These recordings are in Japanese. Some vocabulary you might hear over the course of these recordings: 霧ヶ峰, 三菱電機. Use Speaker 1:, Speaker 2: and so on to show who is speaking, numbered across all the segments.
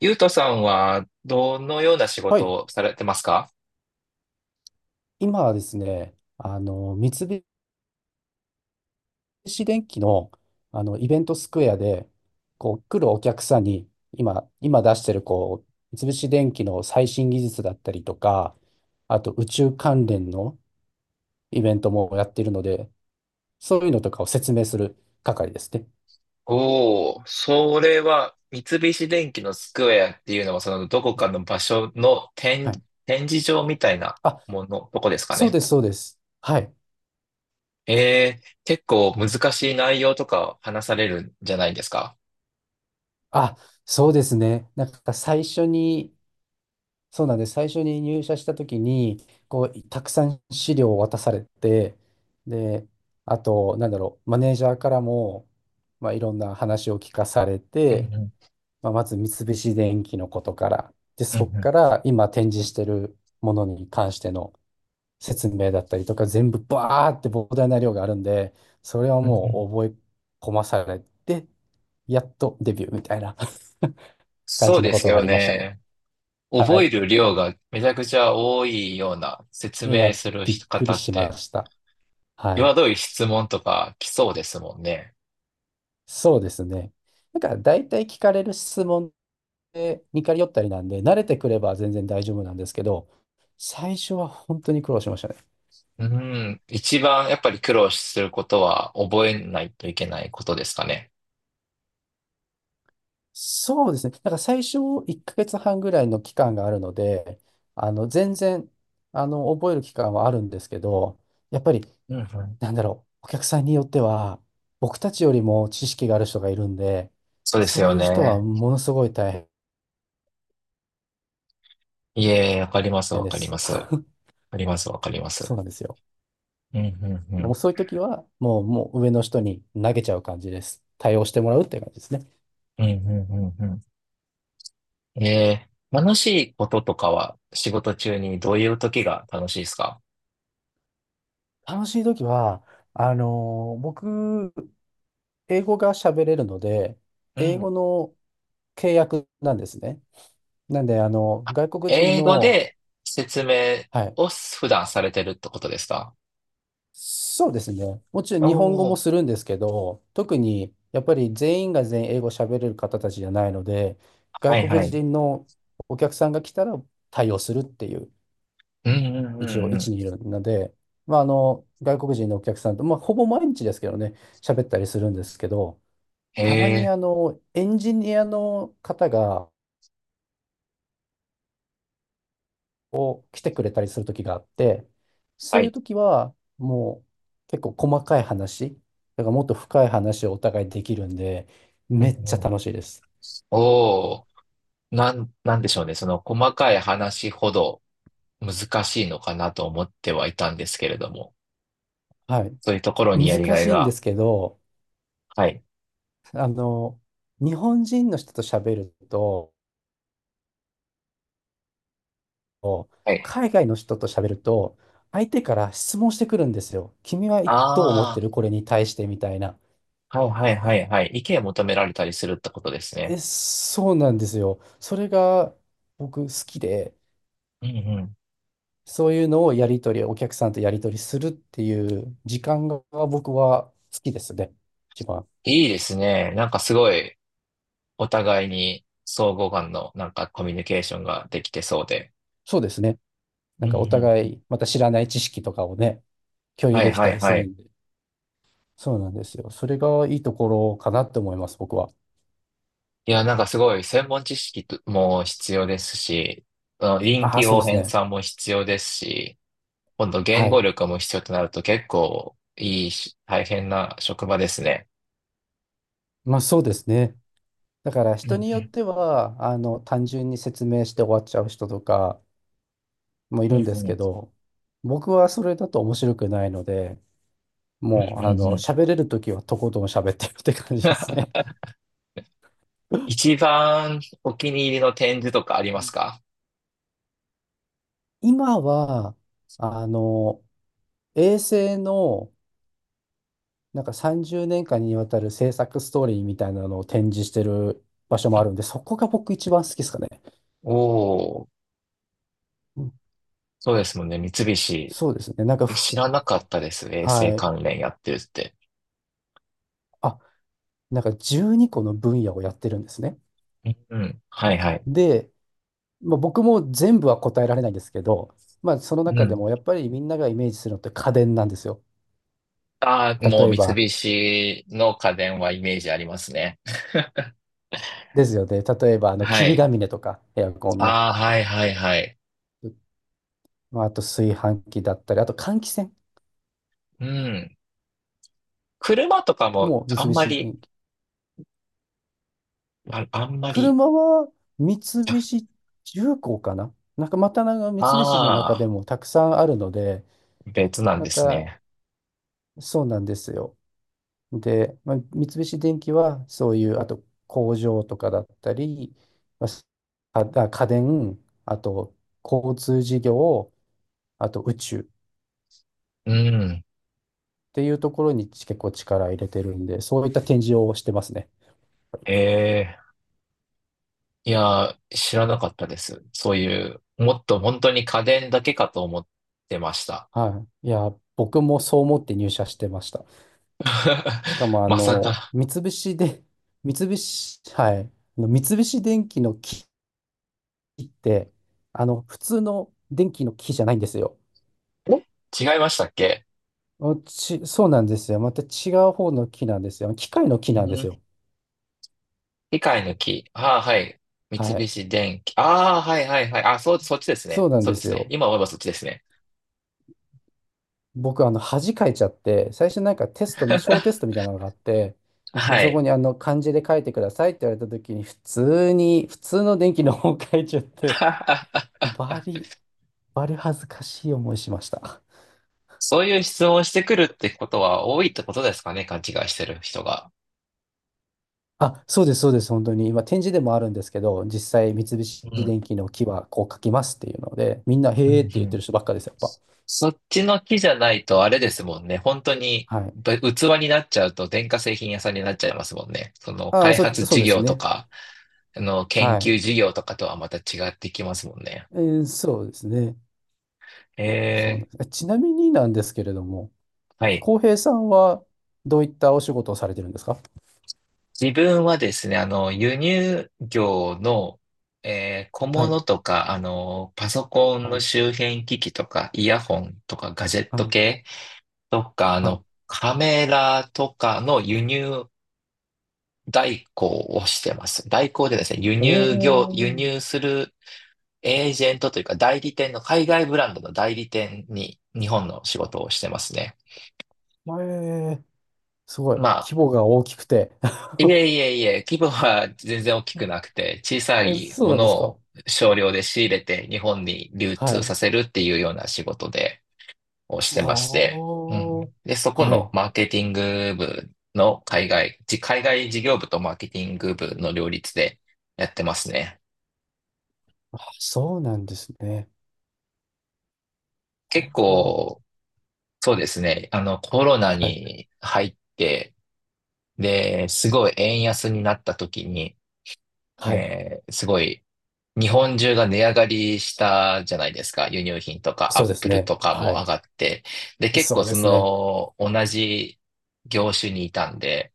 Speaker 1: ゆうとさんはどのような仕
Speaker 2: は
Speaker 1: 事
Speaker 2: い。
Speaker 1: をされてますか？
Speaker 2: 今はですね、三菱電機の、イベントスクエアで、来るお客さんに、今出してる、三菱電機の最新技術だったりとか、あと宇宙関連のイベントもやっているので、そういうのとかを説明する係ですね。
Speaker 1: おお、それは三菱電機のスクエアっていうのは、そのどこかの場所の
Speaker 2: はい。
Speaker 1: 展示場みたいな
Speaker 2: あ、
Speaker 1: もの、どこですか
Speaker 2: そう
Speaker 1: ね。
Speaker 2: です、そうです。はい。
Speaker 1: 結構難しい内容とか話されるんじゃないですか？
Speaker 2: あ、そうですね。なんか最初にそうなんです。最初に入社した時に、たくさん資料を渡されて、で、あと、マネージャーからも、まあ、いろんな話を聞かされ
Speaker 1: うん
Speaker 2: て、
Speaker 1: うん、
Speaker 2: まあ、まず三菱電機のことから、で、
Speaker 1: うんう
Speaker 2: そこ
Speaker 1: ん、
Speaker 2: から今展示してるものに関しての説明だったりとか、全部バーって膨大な量があるんで、それは
Speaker 1: うんうん。
Speaker 2: もう覚え込まされて、やっとデビューみたいな 感
Speaker 1: そう
Speaker 2: じの
Speaker 1: で
Speaker 2: こ
Speaker 1: す
Speaker 2: とはあ
Speaker 1: よ
Speaker 2: りましたね。
Speaker 1: ね。
Speaker 2: は
Speaker 1: 覚え
Speaker 2: い。
Speaker 1: る量がめちゃくちゃ多いような説
Speaker 2: い
Speaker 1: 明
Speaker 2: や、
Speaker 1: する
Speaker 2: びっく
Speaker 1: 方
Speaker 2: り
Speaker 1: っ
Speaker 2: しま
Speaker 1: て、
Speaker 2: した。はい。
Speaker 1: 際どい質問とか来そうですもんね。
Speaker 2: そうですね。大体聞かれる質問で似通ったりなんで、慣れてくれば全然大丈夫なんですけど、最初は本当に苦労しましたね。
Speaker 1: うん。一番やっぱり苦労することは覚えないといけないことですかね。
Speaker 2: そうですね。最初1ヶ月半ぐらいの期間があるので、全然、覚える期間はあるんですけど、やっぱり、
Speaker 1: うんうん。
Speaker 2: お客さんによっては、僕たちよりも知識がある人がいるんで、
Speaker 1: そうです
Speaker 2: そう
Speaker 1: よ
Speaker 2: いう人は
Speaker 1: ね。
Speaker 2: ものすごい大
Speaker 1: いえ、わかります、
Speaker 2: 変
Speaker 1: わ
Speaker 2: で
Speaker 1: かり
Speaker 2: す。
Speaker 1: ます。わ かります、わかります。
Speaker 2: そうなんですよ。
Speaker 1: うん、うん、う
Speaker 2: もう
Speaker 1: ん。
Speaker 2: そういう時は、もう上の人に投げちゃう感じです。対応してもらうっていう感じですね。
Speaker 1: うん、うん、うん、うん。ええ、楽しいこととかは仕事中にどういう時が楽しいですか？
Speaker 2: 楽しい時は、僕、英語が喋れるので、
Speaker 1: う
Speaker 2: 英語
Speaker 1: ん。
Speaker 2: の契約なんですね。なんで、
Speaker 1: あ、
Speaker 2: 外国人
Speaker 1: 英語
Speaker 2: の、
Speaker 1: で説明
Speaker 2: はい、
Speaker 1: を普段されてるってことですか？
Speaker 2: そうですね。もちろん
Speaker 1: お
Speaker 2: 日本語
Speaker 1: お
Speaker 2: も
Speaker 1: ー、
Speaker 2: するんですけど、特にやっぱり全員が全員英語喋れる方たちじゃないので、
Speaker 1: はい
Speaker 2: 外国
Speaker 1: はい。
Speaker 2: 人のお客さんが来たら対応するっていう
Speaker 1: うん、うん、う
Speaker 2: 一応
Speaker 1: ん、う
Speaker 2: 置
Speaker 1: ん。
Speaker 2: にいるので、まあ、外国人のお客さんと、まあ、ほぼ毎日ですけどね、喋ったりするんですけど、
Speaker 1: え
Speaker 2: たまに
Speaker 1: え、
Speaker 2: エンジニアの方がを来てくれたりする時があって、
Speaker 1: は
Speaker 2: そういう
Speaker 1: い。
Speaker 2: 時はもう結構細かい話、だからもっと深い話をお互いできるんで、
Speaker 1: うん
Speaker 2: め
Speaker 1: うん、う
Speaker 2: っ
Speaker 1: んうん、へえ、はい、う
Speaker 2: ちゃ
Speaker 1: んうん、
Speaker 2: 楽しいです。
Speaker 1: おお。なんでしょうね。その細かい話ほど難しいのかなと思ってはいたんですけれども、
Speaker 2: はい。
Speaker 1: そういうところにやり
Speaker 2: 難
Speaker 1: が
Speaker 2: し
Speaker 1: い
Speaker 2: いんで
Speaker 1: が。
Speaker 2: すけど、
Speaker 1: はい。
Speaker 2: あの、日本人の人と喋ると、
Speaker 1: はい。
Speaker 2: 海外の人と喋ると、相手から質問してくるんですよ。君はどう思っ
Speaker 1: あ
Speaker 2: てるこれに対してみたいな。
Speaker 1: あ、はいはいはいはい。意見を求められたりするってことです
Speaker 2: え、
Speaker 1: ね。
Speaker 2: そうなんですよ。それが僕好きで、
Speaker 1: うんうん。
Speaker 2: そういうのをやり取り、お客さんとやり取りするっていう時間が僕は好きですね。一番。
Speaker 1: いいですね。なんかすごいお互いに相互間のなんかコミュニケーションができてそうで。
Speaker 2: そうですね。
Speaker 1: うんうん
Speaker 2: お
Speaker 1: う
Speaker 2: 互
Speaker 1: ん。
Speaker 2: いまた知らない知識とかをね、共有
Speaker 1: は
Speaker 2: で
Speaker 1: い
Speaker 2: き
Speaker 1: は
Speaker 2: た
Speaker 1: い
Speaker 2: りす
Speaker 1: は
Speaker 2: る
Speaker 1: い。
Speaker 2: んで。そうなんですよ。それがいいところかなって思います、僕は。
Speaker 1: いや、なんかすごい専門知識とも必要ですし、あの臨
Speaker 2: ああ、
Speaker 1: 機
Speaker 2: そう
Speaker 1: 応
Speaker 2: です
Speaker 1: 変
Speaker 2: ね。
Speaker 1: さも必要ですし、今度
Speaker 2: は
Speaker 1: 言語
Speaker 2: い。
Speaker 1: 力も必要となると結構いいし、大変な職場ですね。
Speaker 2: まあそうですね。だから
Speaker 1: うんう
Speaker 2: 人
Speaker 1: ん、
Speaker 2: によっては、単純に説明して終わっちゃう人とかもい
Speaker 1: うん
Speaker 2: る
Speaker 1: う
Speaker 2: んです
Speaker 1: ん、
Speaker 2: けど、僕はそれだと面白くないので、も
Speaker 1: うん
Speaker 2: う、
Speaker 1: うん。
Speaker 2: 喋れるときはとことん喋ってるって感じです ね。
Speaker 1: 一番お気に入りの展示とかあり
Speaker 2: う
Speaker 1: ます
Speaker 2: ん。
Speaker 1: か？
Speaker 2: 今は、あの、衛星の、30年間にわたる制作ストーリーみたいなのを展示してる場所もあるんで、そこが僕一番好きですかね。
Speaker 1: おおー、
Speaker 2: うん。
Speaker 1: そうですもんね。三菱。
Speaker 2: そうですね。なんか
Speaker 1: え、知
Speaker 2: ふ、
Speaker 1: らなかったです。衛星
Speaker 2: はい。
Speaker 1: 関連やってるって。
Speaker 2: あ、12個の分野をやってるんですね。
Speaker 1: うん、はいはい。
Speaker 2: で、まあ、僕も全部は答えられないんですけど、まあ、その
Speaker 1: う
Speaker 2: 中で
Speaker 1: ん。
Speaker 2: もやっぱりみんながイメージするのって家電なんですよ。
Speaker 1: ああ、もう
Speaker 2: 例え
Speaker 1: 三
Speaker 2: ば、
Speaker 1: 菱の家電はイメージありますね。
Speaker 2: ですよね。例えば、
Speaker 1: は
Speaker 2: 霧ヶ
Speaker 1: い。
Speaker 2: 峰とか、エアコンの。
Speaker 1: ああ、はいはいはい。
Speaker 2: まあ、あと炊飯器だったり、あと換気扇。
Speaker 1: うん。車とかも
Speaker 2: もう三
Speaker 1: あんま
Speaker 2: 菱
Speaker 1: り、
Speaker 2: 電機。
Speaker 1: あ、あんまり、
Speaker 2: 車は三菱重工かな、また三菱の中で
Speaker 1: あ
Speaker 2: もたくさんあるので、
Speaker 1: あ、別なん
Speaker 2: ま
Speaker 1: です
Speaker 2: た、
Speaker 1: ね。
Speaker 2: そうなんですよ。で、まあ、三菱電機はそういう、あと工場とかだったり、まあ、あ、家電、あと交通事業、あと宇宙っ
Speaker 1: うん。
Speaker 2: ていうところに結構力入れてるんで、そういった展示をしてますね。
Speaker 1: ええ。いやー、知らなかったです。そういう、もっと本当に家電だけかと思ってました。
Speaker 2: はい。いや、僕もそう思って入社してました。しか も、
Speaker 1: まさか。
Speaker 2: 三菱で、はい。三菱電機の木って、普通の電気の木じゃないんですよ。
Speaker 1: え、違いましたっけ？
Speaker 2: そうなんですよ。また違う方の木なんですよ。機械の木
Speaker 1: う
Speaker 2: なんです
Speaker 1: ん。
Speaker 2: よ。
Speaker 1: 機械の木。ああ、はい。三
Speaker 2: はい。
Speaker 1: 菱電機。ああ、はいはいはい。あ、そう、そっちですね。
Speaker 2: そうなん
Speaker 1: そう
Speaker 2: で
Speaker 1: で
Speaker 2: す
Speaker 1: すね。
Speaker 2: よ。
Speaker 1: 今思えばそっちですね。
Speaker 2: 僕、恥かいちゃって、最初テストみ、小テストみたいなのがあって、僕
Speaker 1: は
Speaker 2: そこ
Speaker 1: い。
Speaker 2: に漢字で書いてくださいって言われた時に、普通の電気の方を書いちゃって、バリ、バリ恥ずかしい思いしました。
Speaker 1: そういう質問をしてくるってことは多いってことですかね。勘違いしてる人が。
Speaker 2: あ、そうです、そうです、本当に。今、展示でもあるんですけど、実際、三菱
Speaker 1: う
Speaker 2: 電
Speaker 1: ん。
Speaker 2: 機の木はこう書きますっていうので、みんな、
Speaker 1: うんう
Speaker 2: へーって言って
Speaker 1: ん。
Speaker 2: る人ばっかです、やっぱ。
Speaker 1: そっちの木じゃないとあれですもんね。本当に
Speaker 2: はい。
Speaker 1: ぶ器になっちゃうと電化製品屋さんになっちゃいますもんね。その
Speaker 2: ああ、
Speaker 1: 開発
Speaker 2: そう
Speaker 1: 事
Speaker 2: です
Speaker 1: 業と
Speaker 2: ね。
Speaker 1: か、あの研
Speaker 2: は
Speaker 1: 究
Speaker 2: い。
Speaker 1: 事業とかとはまた違ってきますもんね。
Speaker 2: そうですね。そう
Speaker 1: え
Speaker 2: なんです。ちなみになんですけれども、
Speaker 1: はい。
Speaker 2: 浩平さんはどういったお仕事をされてるんですか？
Speaker 1: 自分はですね、輸入業の、小
Speaker 2: はい。
Speaker 1: 物とか、パソコン
Speaker 2: は
Speaker 1: の
Speaker 2: い。
Speaker 1: 周辺機器とか、イヤホンとか、ガジェッ
Speaker 2: は
Speaker 1: ト
Speaker 2: い。
Speaker 1: 系とか、
Speaker 2: はい。
Speaker 1: カメラとかの輸入代行をしてます。代行でですね、輸
Speaker 2: お
Speaker 1: 入業、輸入
Speaker 2: ー。
Speaker 1: するエージェントというか代理店の海外ブランドの代理店に日本の仕事をしてますね。
Speaker 2: えー、すごい。
Speaker 1: まあ、
Speaker 2: 規模が大きくて。
Speaker 1: い えいえいえ、規模は全然大きくなくて、小さい
Speaker 2: そう
Speaker 1: も
Speaker 2: なんで
Speaker 1: の
Speaker 2: すか？
Speaker 1: を少量で仕入れて日本に流
Speaker 2: は
Speaker 1: 通さ
Speaker 2: い。
Speaker 1: せるっていうような仕事で、をし
Speaker 2: は
Speaker 1: てまして、うん。で、そ
Speaker 2: あ。
Speaker 1: こ
Speaker 2: は
Speaker 1: の
Speaker 2: い。
Speaker 1: マーケティング部の海外事業部とマーケティング部の両立でやってますね。
Speaker 2: あ、そうなんですね。
Speaker 1: 結
Speaker 2: はあ。
Speaker 1: 構そうですね。コロナ
Speaker 2: はい。
Speaker 1: に入って、で、すごい円安になった時に、
Speaker 2: はい。
Speaker 1: すごい日本中が値上がりしたじゃないですか。輸入品とか
Speaker 2: そう
Speaker 1: アッ
Speaker 2: です
Speaker 1: プル
Speaker 2: ね。
Speaker 1: とかも
Speaker 2: は
Speaker 1: 上
Speaker 2: い。
Speaker 1: がって。で、結
Speaker 2: そ
Speaker 1: 構
Speaker 2: うで
Speaker 1: そ
Speaker 2: すね。
Speaker 1: の同じ業種にいたんで、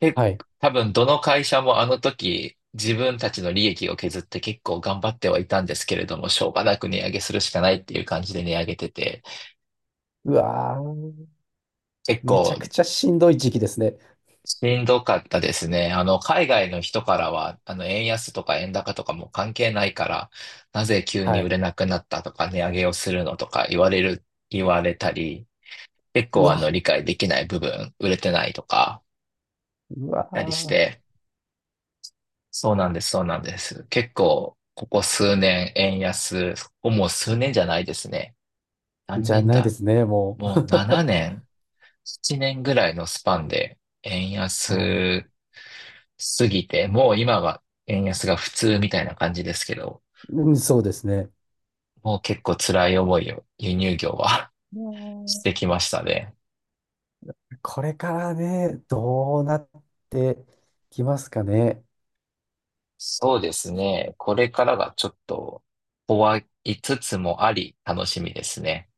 Speaker 1: で、
Speaker 2: はい。
Speaker 1: 多分どの会社もあの時自分たちの利益を削って結構頑張ってはいたんですけれども、しょうがなく値上げするしかないっていう感じで値上げてて、
Speaker 2: うわー。
Speaker 1: 結
Speaker 2: めちゃ
Speaker 1: 構
Speaker 2: くちゃしんどい時期ですね。
Speaker 1: しんどかったですね。海外の人からは、円安とか円高とかも関係ないから、なぜ急に
Speaker 2: は
Speaker 1: 売
Speaker 2: い。
Speaker 1: れなくなったとか、値上げをするのとか言われたり、結
Speaker 2: う
Speaker 1: 構
Speaker 2: わ、
Speaker 1: 理解できない部分、売れてないとか、
Speaker 2: う
Speaker 1: あったりし
Speaker 2: わ
Speaker 1: て、そうなんです、そうなんです。結構、ここ数年、円安、ここもう数年じゃないですね。
Speaker 2: ー、
Speaker 1: 何
Speaker 2: じゃ
Speaker 1: 年
Speaker 2: ないで
Speaker 1: だ、
Speaker 2: すね、もう。
Speaker 1: もう7 年7年ぐらいのスパンで円
Speaker 2: はい。
Speaker 1: 安すぎて、もう今は円安が普通みたいな感じですけど、
Speaker 2: うん、そうですね。
Speaker 1: もう結構辛い思いを輸入業は し
Speaker 2: ね
Speaker 1: てきましたね。
Speaker 2: え、これからね、どうなってきますかね？
Speaker 1: そうですね。これからがちょっと怖いつつもあり楽しみですね。